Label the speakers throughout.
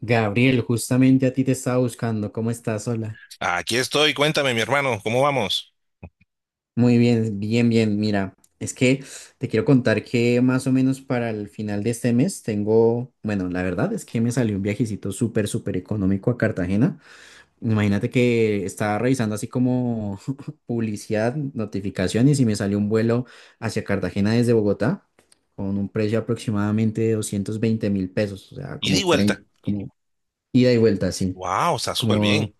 Speaker 1: Gabriel, justamente a ti te estaba buscando. ¿Cómo estás? Hola.
Speaker 2: Aquí estoy, cuéntame, mi hermano, ¿cómo vamos?
Speaker 1: Muy bien, bien, bien. Mira, es que te quiero contar que más o menos para el final de este mes tengo, bueno, la verdad es que me salió un viajecito súper, súper económico a Cartagena. Imagínate que estaba revisando así como publicidad, notificaciones y me salió un vuelo hacia Cartagena desde Bogotá con un precio aproximadamente de 220 mil pesos, o sea,
Speaker 2: Y di
Speaker 1: como
Speaker 2: vuelta.
Speaker 1: 30 como ida y vuelta, sí.
Speaker 2: Wow, está súper
Speaker 1: Como
Speaker 2: bien.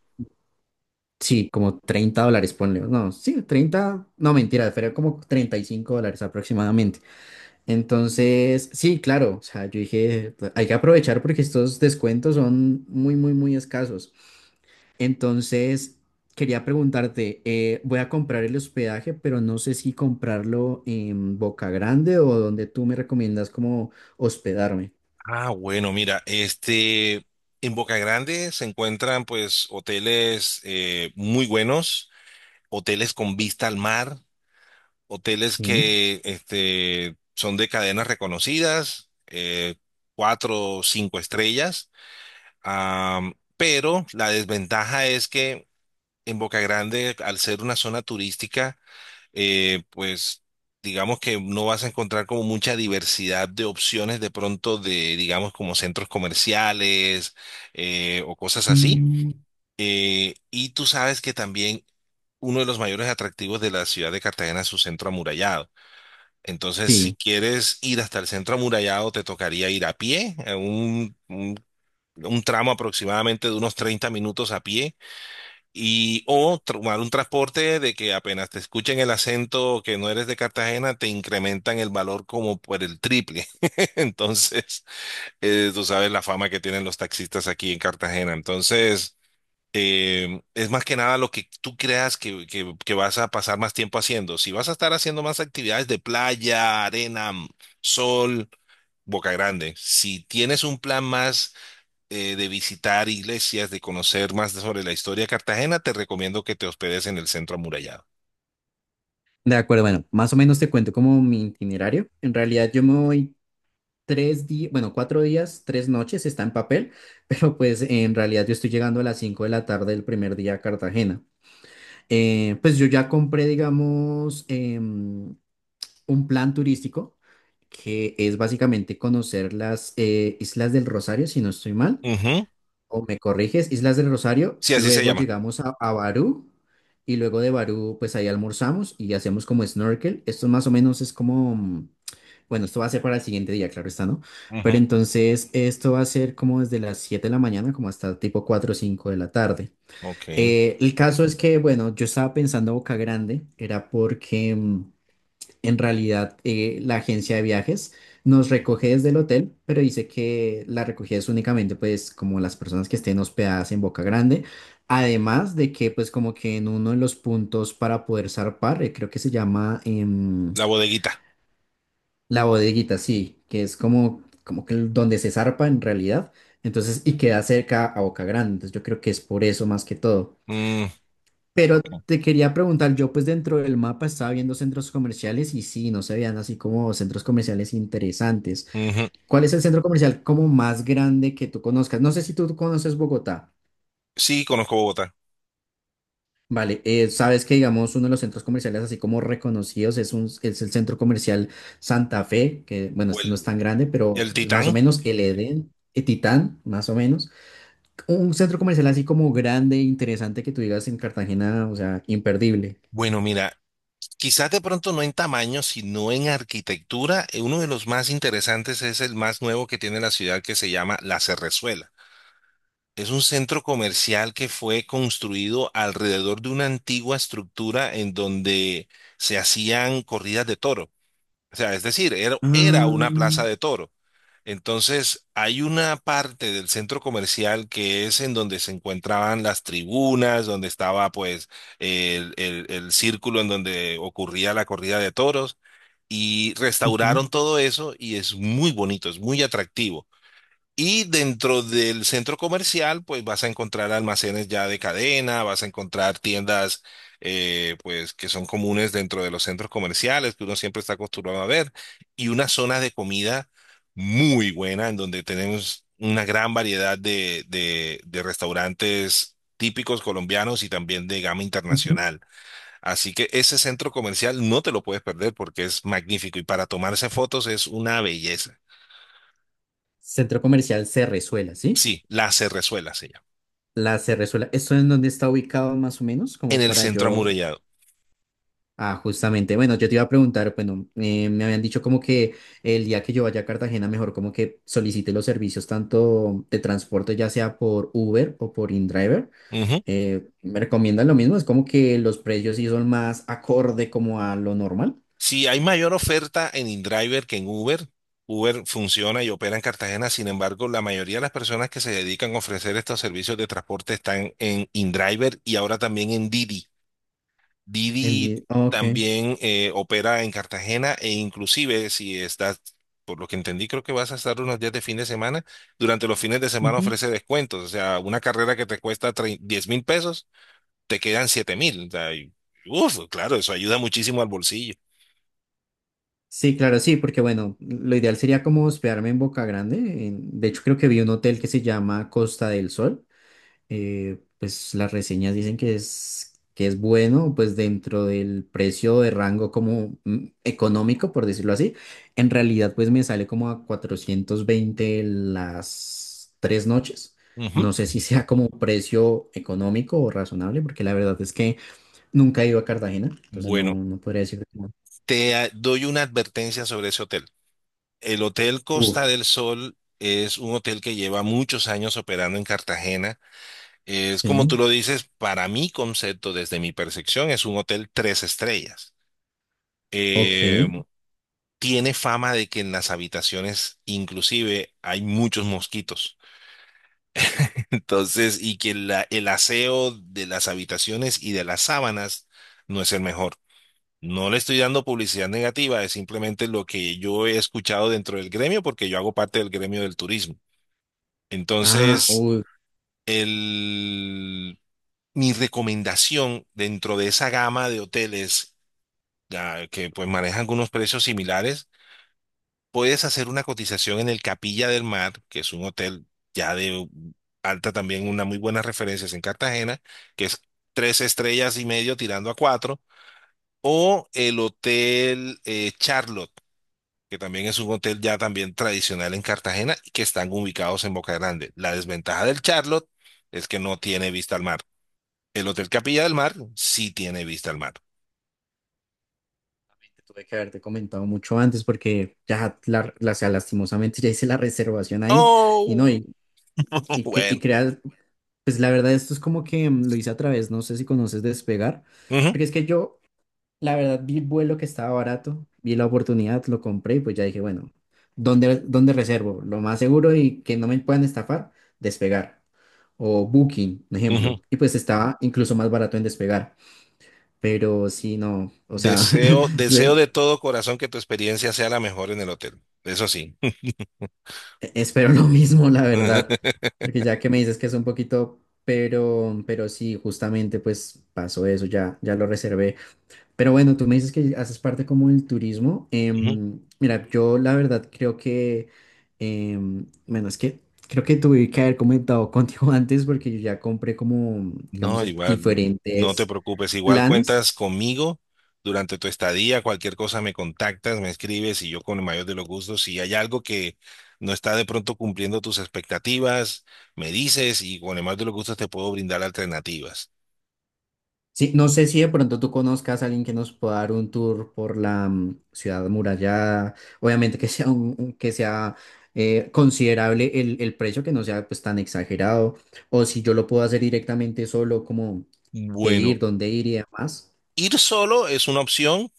Speaker 1: Sí, como 30 dólares, ponle. No, sí, 30, no mentira, fue como 35 dólares aproximadamente. Entonces, sí, claro, o sea, yo dije, "Pues, hay que aprovechar porque estos descuentos son muy, muy, muy escasos. Entonces, quería preguntarte, voy a comprar el hospedaje, pero no sé si comprarlo en Boca Grande o donde tú me recomiendas como hospedarme.
Speaker 2: Ah, bueno, mira, en Boca Grande se encuentran pues hoteles muy buenos, hoteles con vista al mar, hoteles
Speaker 1: Sí.
Speaker 2: que son de cadenas reconocidas, cuatro o cinco estrellas. Pero la desventaja es que en Boca Grande, al ser una zona turística, pues digamos que no vas a encontrar como mucha diversidad de opciones de pronto de, digamos, como centros comerciales o cosas así.
Speaker 1: Mm,
Speaker 2: Y tú sabes que también uno de los mayores atractivos de la ciudad de Cartagena es su centro amurallado. Entonces, si
Speaker 1: sí,
Speaker 2: quieres ir hasta el centro amurallado, te tocaría ir a pie, a un tramo aproximadamente de unos 30 minutos a pie, y o tomar un transporte de que apenas te escuchen el acento que no eres de Cartagena, te incrementan el valor como por el triple. Entonces, tú sabes la fama que tienen los taxistas aquí en Cartagena. Entonces, es más que nada lo que tú creas que, que vas a pasar más tiempo haciendo. Si vas a estar haciendo más actividades de playa, arena, sol, Boca Grande. Si tienes un plan más de visitar iglesias, de conocer más sobre la historia de Cartagena, te recomiendo que te hospedes en el centro amurallado.
Speaker 1: de acuerdo. Bueno, más o menos te cuento como mi itinerario. En realidad yo me voy 3 días, bueno, 4 días, 3 noches está en papel, pero pues en realidad yo estoy llegando a las 5 de la tarde del primer día a Cartagena. Pues yo ya compré, digamos, un plan turístico que es básicamente conocer las Islas del Rosario, si no estoy mal,
Speaker 2: Ujú.
Speaker 1: o me corriges, Islas del Rosario,
Speaker 2: Sí, así se
Speaker 1: luego
Speaker 2: llama.
Speaker 1: llegamos a Barú y luego de Barú pues ahí almorzamos y hacemos como snorkel. Esto más o menos es como, bueno, esto va a ser para el siguiente día, claro está, ¿no? Pero
Speaker 2: Ujú.
Speaker 1: entonces esto va a ser como desde las 7 de la mañana como hasta tipo 4 o 5 de la tarde.
Speaker 2: Ok.
Speaker 1: El caso es que, bueno, yo estaba pensando Boca Grande, en realidad, la agencia de viajes nos recoge desde el hotel, pero dice que la recogida es únicamente, pues, como las personas que estén hospedadas en Boca Grande. Además de que, pues, como que en uno de los puntos para poder zarpar, creo que se llama
Speaker 2: La bodeguita.
Speaker 1: la bodeguita, sí, que es donde se zarpa en realidad. Entonces, y queda cerca a Boca Grande. Entonces, yo creo que es por eso más que todo.
Speaker 2: Mm,
Speaker 1: Pero
Speaker 2: ok.
Speaker 1: te quería preguntar, yo pues dentro del mapa estaba viendo centros comerciales y sí, no se veían así como centros comerciales interesantes.
Speaker 2: Ujú.
Speaker 1: ¿Cuál es el centro comercial como más grande que tú conozcas? No sé si tú conoces Bogotá.
Speaker 2: Sí, conozco Bogotá.
Speaker 1: Vale, sabes que digamos uno de los centros comerciales así como reconocidos es el centro comercial Santa Fe, que bueno,
Speaker 2: O
Speaker 1: este no es tan
Speaker 2: el,
Speaker 1: grande, pero
Speaker 2: el
Speaker 1: es más o
Speaker 2: Titán.
Speaker 1: menos el Edén, Titán, más o menos. Un centro comercial así como grande, interesante que tú digas en Cartagena, o sea, imperdible.
Speaker 2: Bueno, mira, quizás de pronto no en tamaño, sino en arquitectura. Uno de los más interesantes es el más nuevo que tiene la ciudad, que se llama La Cerrezuela. Es un centro comercial que fue construido alrededor de una antigua estructura en donde se hacían corridas de toro. O sea, es decir, era,
Speaker 1: Ah,
Speaker 2: era una plaza de toro. Entonces, hay una parte del centro comercial que es en donde se encontraban las tribunas, donde estaba pues el círculo en donde ocurría la corrida de toros, y
Speaker 1: ujú.
Speaker 2: restauraron todo eso y es muy bonito, es muy atractivo. Y dentro del centro comercial, pues vas a encontrar almacenes ya de cadena, vas a encontrar tiendas, pues que son comunes dentro de los centros comerciales, que uno siempre está acostumbrado a ver, y una zona de comida muy buena, en donde tenemos una gran variedad de, de restaurantes típicos colombianos y también de gama
Speaker 1: Ujú.
Speaker 2: internacional. Así que ese centro comercial no te lo puedes perder porque es magnífico, y para tomarse fotos es una belleza.
Speaker 1: Centro comercial Cerrezuela, ¿sí?
Speaker 2: Sí, La Cerrezuela se llama.
Speaker 1: La Cerrezuela, ¿esto es donde está ubicado más o menos?
Speaker 2: En
Speaker 1: Como
Speaker 2: el
Speaker 1: para
Speaker 2: centro
Speaker 1: yo.
Speaker 2: amurallado.
Speaker 1: Ah, justamente, bueno, yo te iba a preguntar, bueno, me habían dicho como que el día que yo vaya a Cartagena, mejor como que solicite los servicios tanto de transporte, ya sea por Uber o por InDriver.
Speaker 2: Ujú.
Speaker 1: ¿Me recomiendan lo mismo? Es como que los precios sí son más acorde como a lo normal.
Speaker 2: Si hay mayor oferta en InDriver que en Uber. Uber funciona y opera en Cartagena; sin embargo, la mayoría de las personas que se dedican a ofrecer estos servicios de transporte están en InDriver, y ahora también en Didi. Didi
Speaker 1: Ok.
Speaker 2: también opera en Cartagena, e inclusive si estás, por lo que entendí, creo que vas a estar unos días de fin de semana, durante los fines de semana ofrece descuentos. O sea, una carrera que te cuesta 10.000 pesos, te quedan 7.000. O sea, y, uf, claro, eso ayuda muchísimo al bolsillo.
Speaker 1: Sí, claro, sí, porque bueno, lo ideal sería como hospedarme en Boca Grande. De hecho, creo que vi un hotel que se llama Costa del Sol. Pues las reseñas dicen que que es bueno, pues dentro del precio de rango como económico, por decirlo así. En realidad, pues me sale como a 420 las 3 noches.
Speaker 2: Ujú.
Speaker 1: No sé si sea como precio económico o razonable, porque la verdad es que nunca he ido a Cartagena, entonces no,
Speaker 2: Bueno,
Speaker 1: no podría decir.
Speaker 2: te doy una advertencia sobre ese hotel. El Hotel
Speaker 1: Uf,
Speaker 2: Costa del Sol es un hotel que lleva muchos años operando en Cartagena. Es como tú
Speaker 1: sí.
Speaker 2: lo dices, para mi concepto, desde mi percepción, es un hotel tres estrellas. Eh,
Speaker 1: Ok.
Speaker 2: Tiene fama de que en las habitaciones inclusive hay muchos mosquitos. Entonces, y que el aseo de las habitaciones y de las sábanas no es el mejor. No le estoy dando publicidad negativa, es simplemente lo que yo he escuchado dentro del gremio, porque yo hago parte del gremio del turismo.
Speaker 1: Ah,
Speaker 2: Entonces,
Speaker 1: uy,
Speaker 2: el, mi recomendación dentro de esa gama de hoteles, que pues manejan algunos precios similares: puedes hacer una cotización en el Capilla del Mar, que es un hotel ya de alta también, una muy buenas referencias en Cartagena, que es tres estrellas y medio tirando a cuatro; o el Hotel Charlotte, que también es un hotel ya también tradicional en Cartagena y que están ubicados en Boca Grande. La desventaja del Charlotte es que no tiene vista al mar. El Hotel Capilla del Mar sí tiene vista al mar.
Speaker 1: te tuve que haberte comentado mucho antes porque ya, o sea, lastimosamente ya hice la reservación ahí y no,
Speaker 2: Oh,
Speaker 1: y
Speaker 2: bueno.
Speaker 1: creas, pues la verdad esto es como que lo hice a través, no sé si conoces Despegar,
Speaker 2: Ujú,
Speaker 1: porque es que yo, la verdad, vi el vuelo que estaba barato, vi la oportunidad, lo compré y pues ya dije, bueno, ¿dónde reservo? Lo más seguro y que no me puedan estafar, Despegar o Booking, un
Speaker 2: ujú.
Speaker 1: ejemplo, y pues estaba incluso más barato en Despegar. Pero sí, no, o sea,
Speaker 2: Deseo, deseo
Speaker 1: Ve.
Speaker 2: de todo corazón que tu experiencia sea la mejor en el hotel. Eso sí.
Speaker 1: Espero lo mismo, la verdad, porque ya que me dices que es un poquito, pero, sí, justamente pues pasó eso, ya lo reservé. Pero bueno, tú me dices que haces parte como del turismo.
Speaker 2: Ujú.
Speaker 1: Mira, yo la verdad creo que, bueno, es que creo que tuve que haber comentado contigo antes porque yo ya compré como, digamos,
Speaker 2: No, igual, no te
Speaker 1: diferentes
Speaker 2: preocupes. Igual
Speaker 1: planes.
Speaker 2: cuentas conmigo durante tu estadía. Cualquier cosa me contactas, me escribes y yo con el mayor de los gustos. Si hay algo que no está de pronto cumpliendo tus expectativas, me dices y con el mayor de los gustos te puedo brindar alternativas.
Speaker 1: Sí, no sé si de pronto tú conozcas a alguien que nos pueda dar un tour por la ciudad amurallada. Obviamente que sea considerable el precio, que no sea pues tan exagerado. O si yo lo puedo hacer directamente solo, como qué ir,
Speaker 2: Bueno,
Speaker 1: dónde ir y demás.
Speaker 2: ir solo es una opción.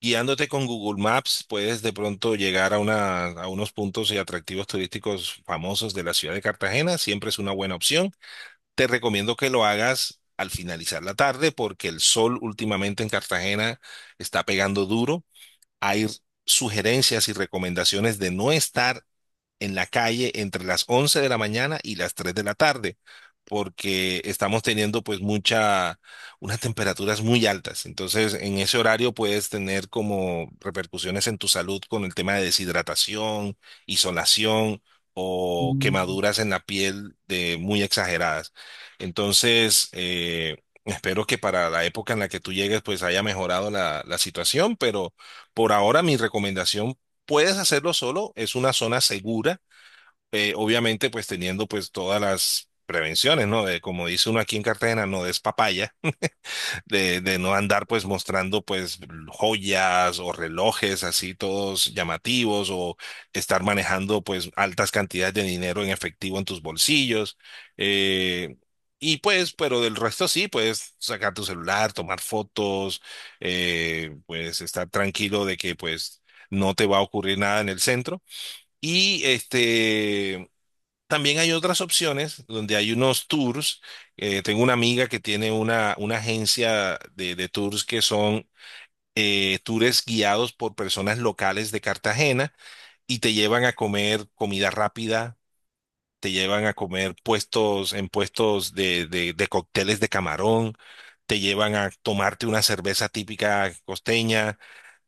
Speaker 2: Guiándote con Google Maps, puedes de pronto llegar a unos puntos y atractivos turísticos famosos de la ciudad de Cartagena. Siempre es una buena opción. Te recomiendo que lo hagas al finalizar la tarde, porque el sol últimamente en Cartagena está pegando duro. Hay sugerencias y recomendaciones de no estar en la calle entre las 11 de la mañana y las 3 de la tarde, porque estamos teniendo pues unas temperaturas muy altas. Entonces, en ese horario puedes tener como repercusiones en tu salud con el tema de deshidratación, insolación o
Speaker 1: Mm,
Speaker 2: quemaduras en la piel de muy exageradas. Entonces, espero que para la época en la que tú llegues pues haya mejorado la situación, pero por ahora mi recomendación: puedes hacerlo solo, es una zona segura, obviamente pues teniendo pues todas las prevenciones, ¿no? De, como dice uno aquí en Cartagena, no des papaya, de, no andar pues mostrando pues joyas o relojes así todos llamativos, o estar manejando pues altas cantidades de dinero en efectivo en tus bolsillos. eh, y pues, pero del resto sí, puedes sacar tu celular, tomar fotos, pues estar tranquilo de que pues no te va a ocurrir nada en el centro. Y también hay otras opciones donde hay unos tours. Tengo una amiga que tiene una agencia de, tours, que son tours guiados por personas locales de Cartagena, y te llevan a comer comida rápida, te llevan a comer puestos en puestos de, de cócteles de camarón, te llevan a tomarte una cerveza típica costeña,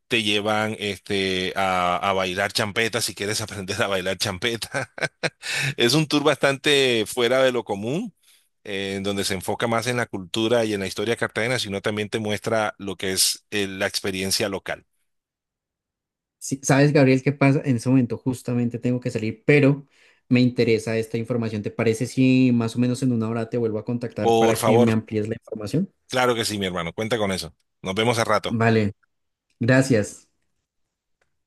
Speaker 2: te llevan a bailar champeta, si quieres aprender a bailar champeta. Es un tour bastante fuera de lo común, en donde se enfoca más en la cultura y en la historia de Cartagena, sino también te muestra lo que es la experiencia local.
Speaker 1: sí, sabes, Gabriel, qué pasa en ese momento, justamente tengo que salir, pero me interesa esta información. ¿Te parece si más o menos en una hora te vuelvo a contactar
Speaker 2: Por
Speaker 1: para que
Speaker 2: favor,
Speaker 1: me amplíes la información?
Speaker 2: claro que sí, mi hermano, cuenta con eso. Nos vemos a rato.
Speaker 1: Vale, gracias.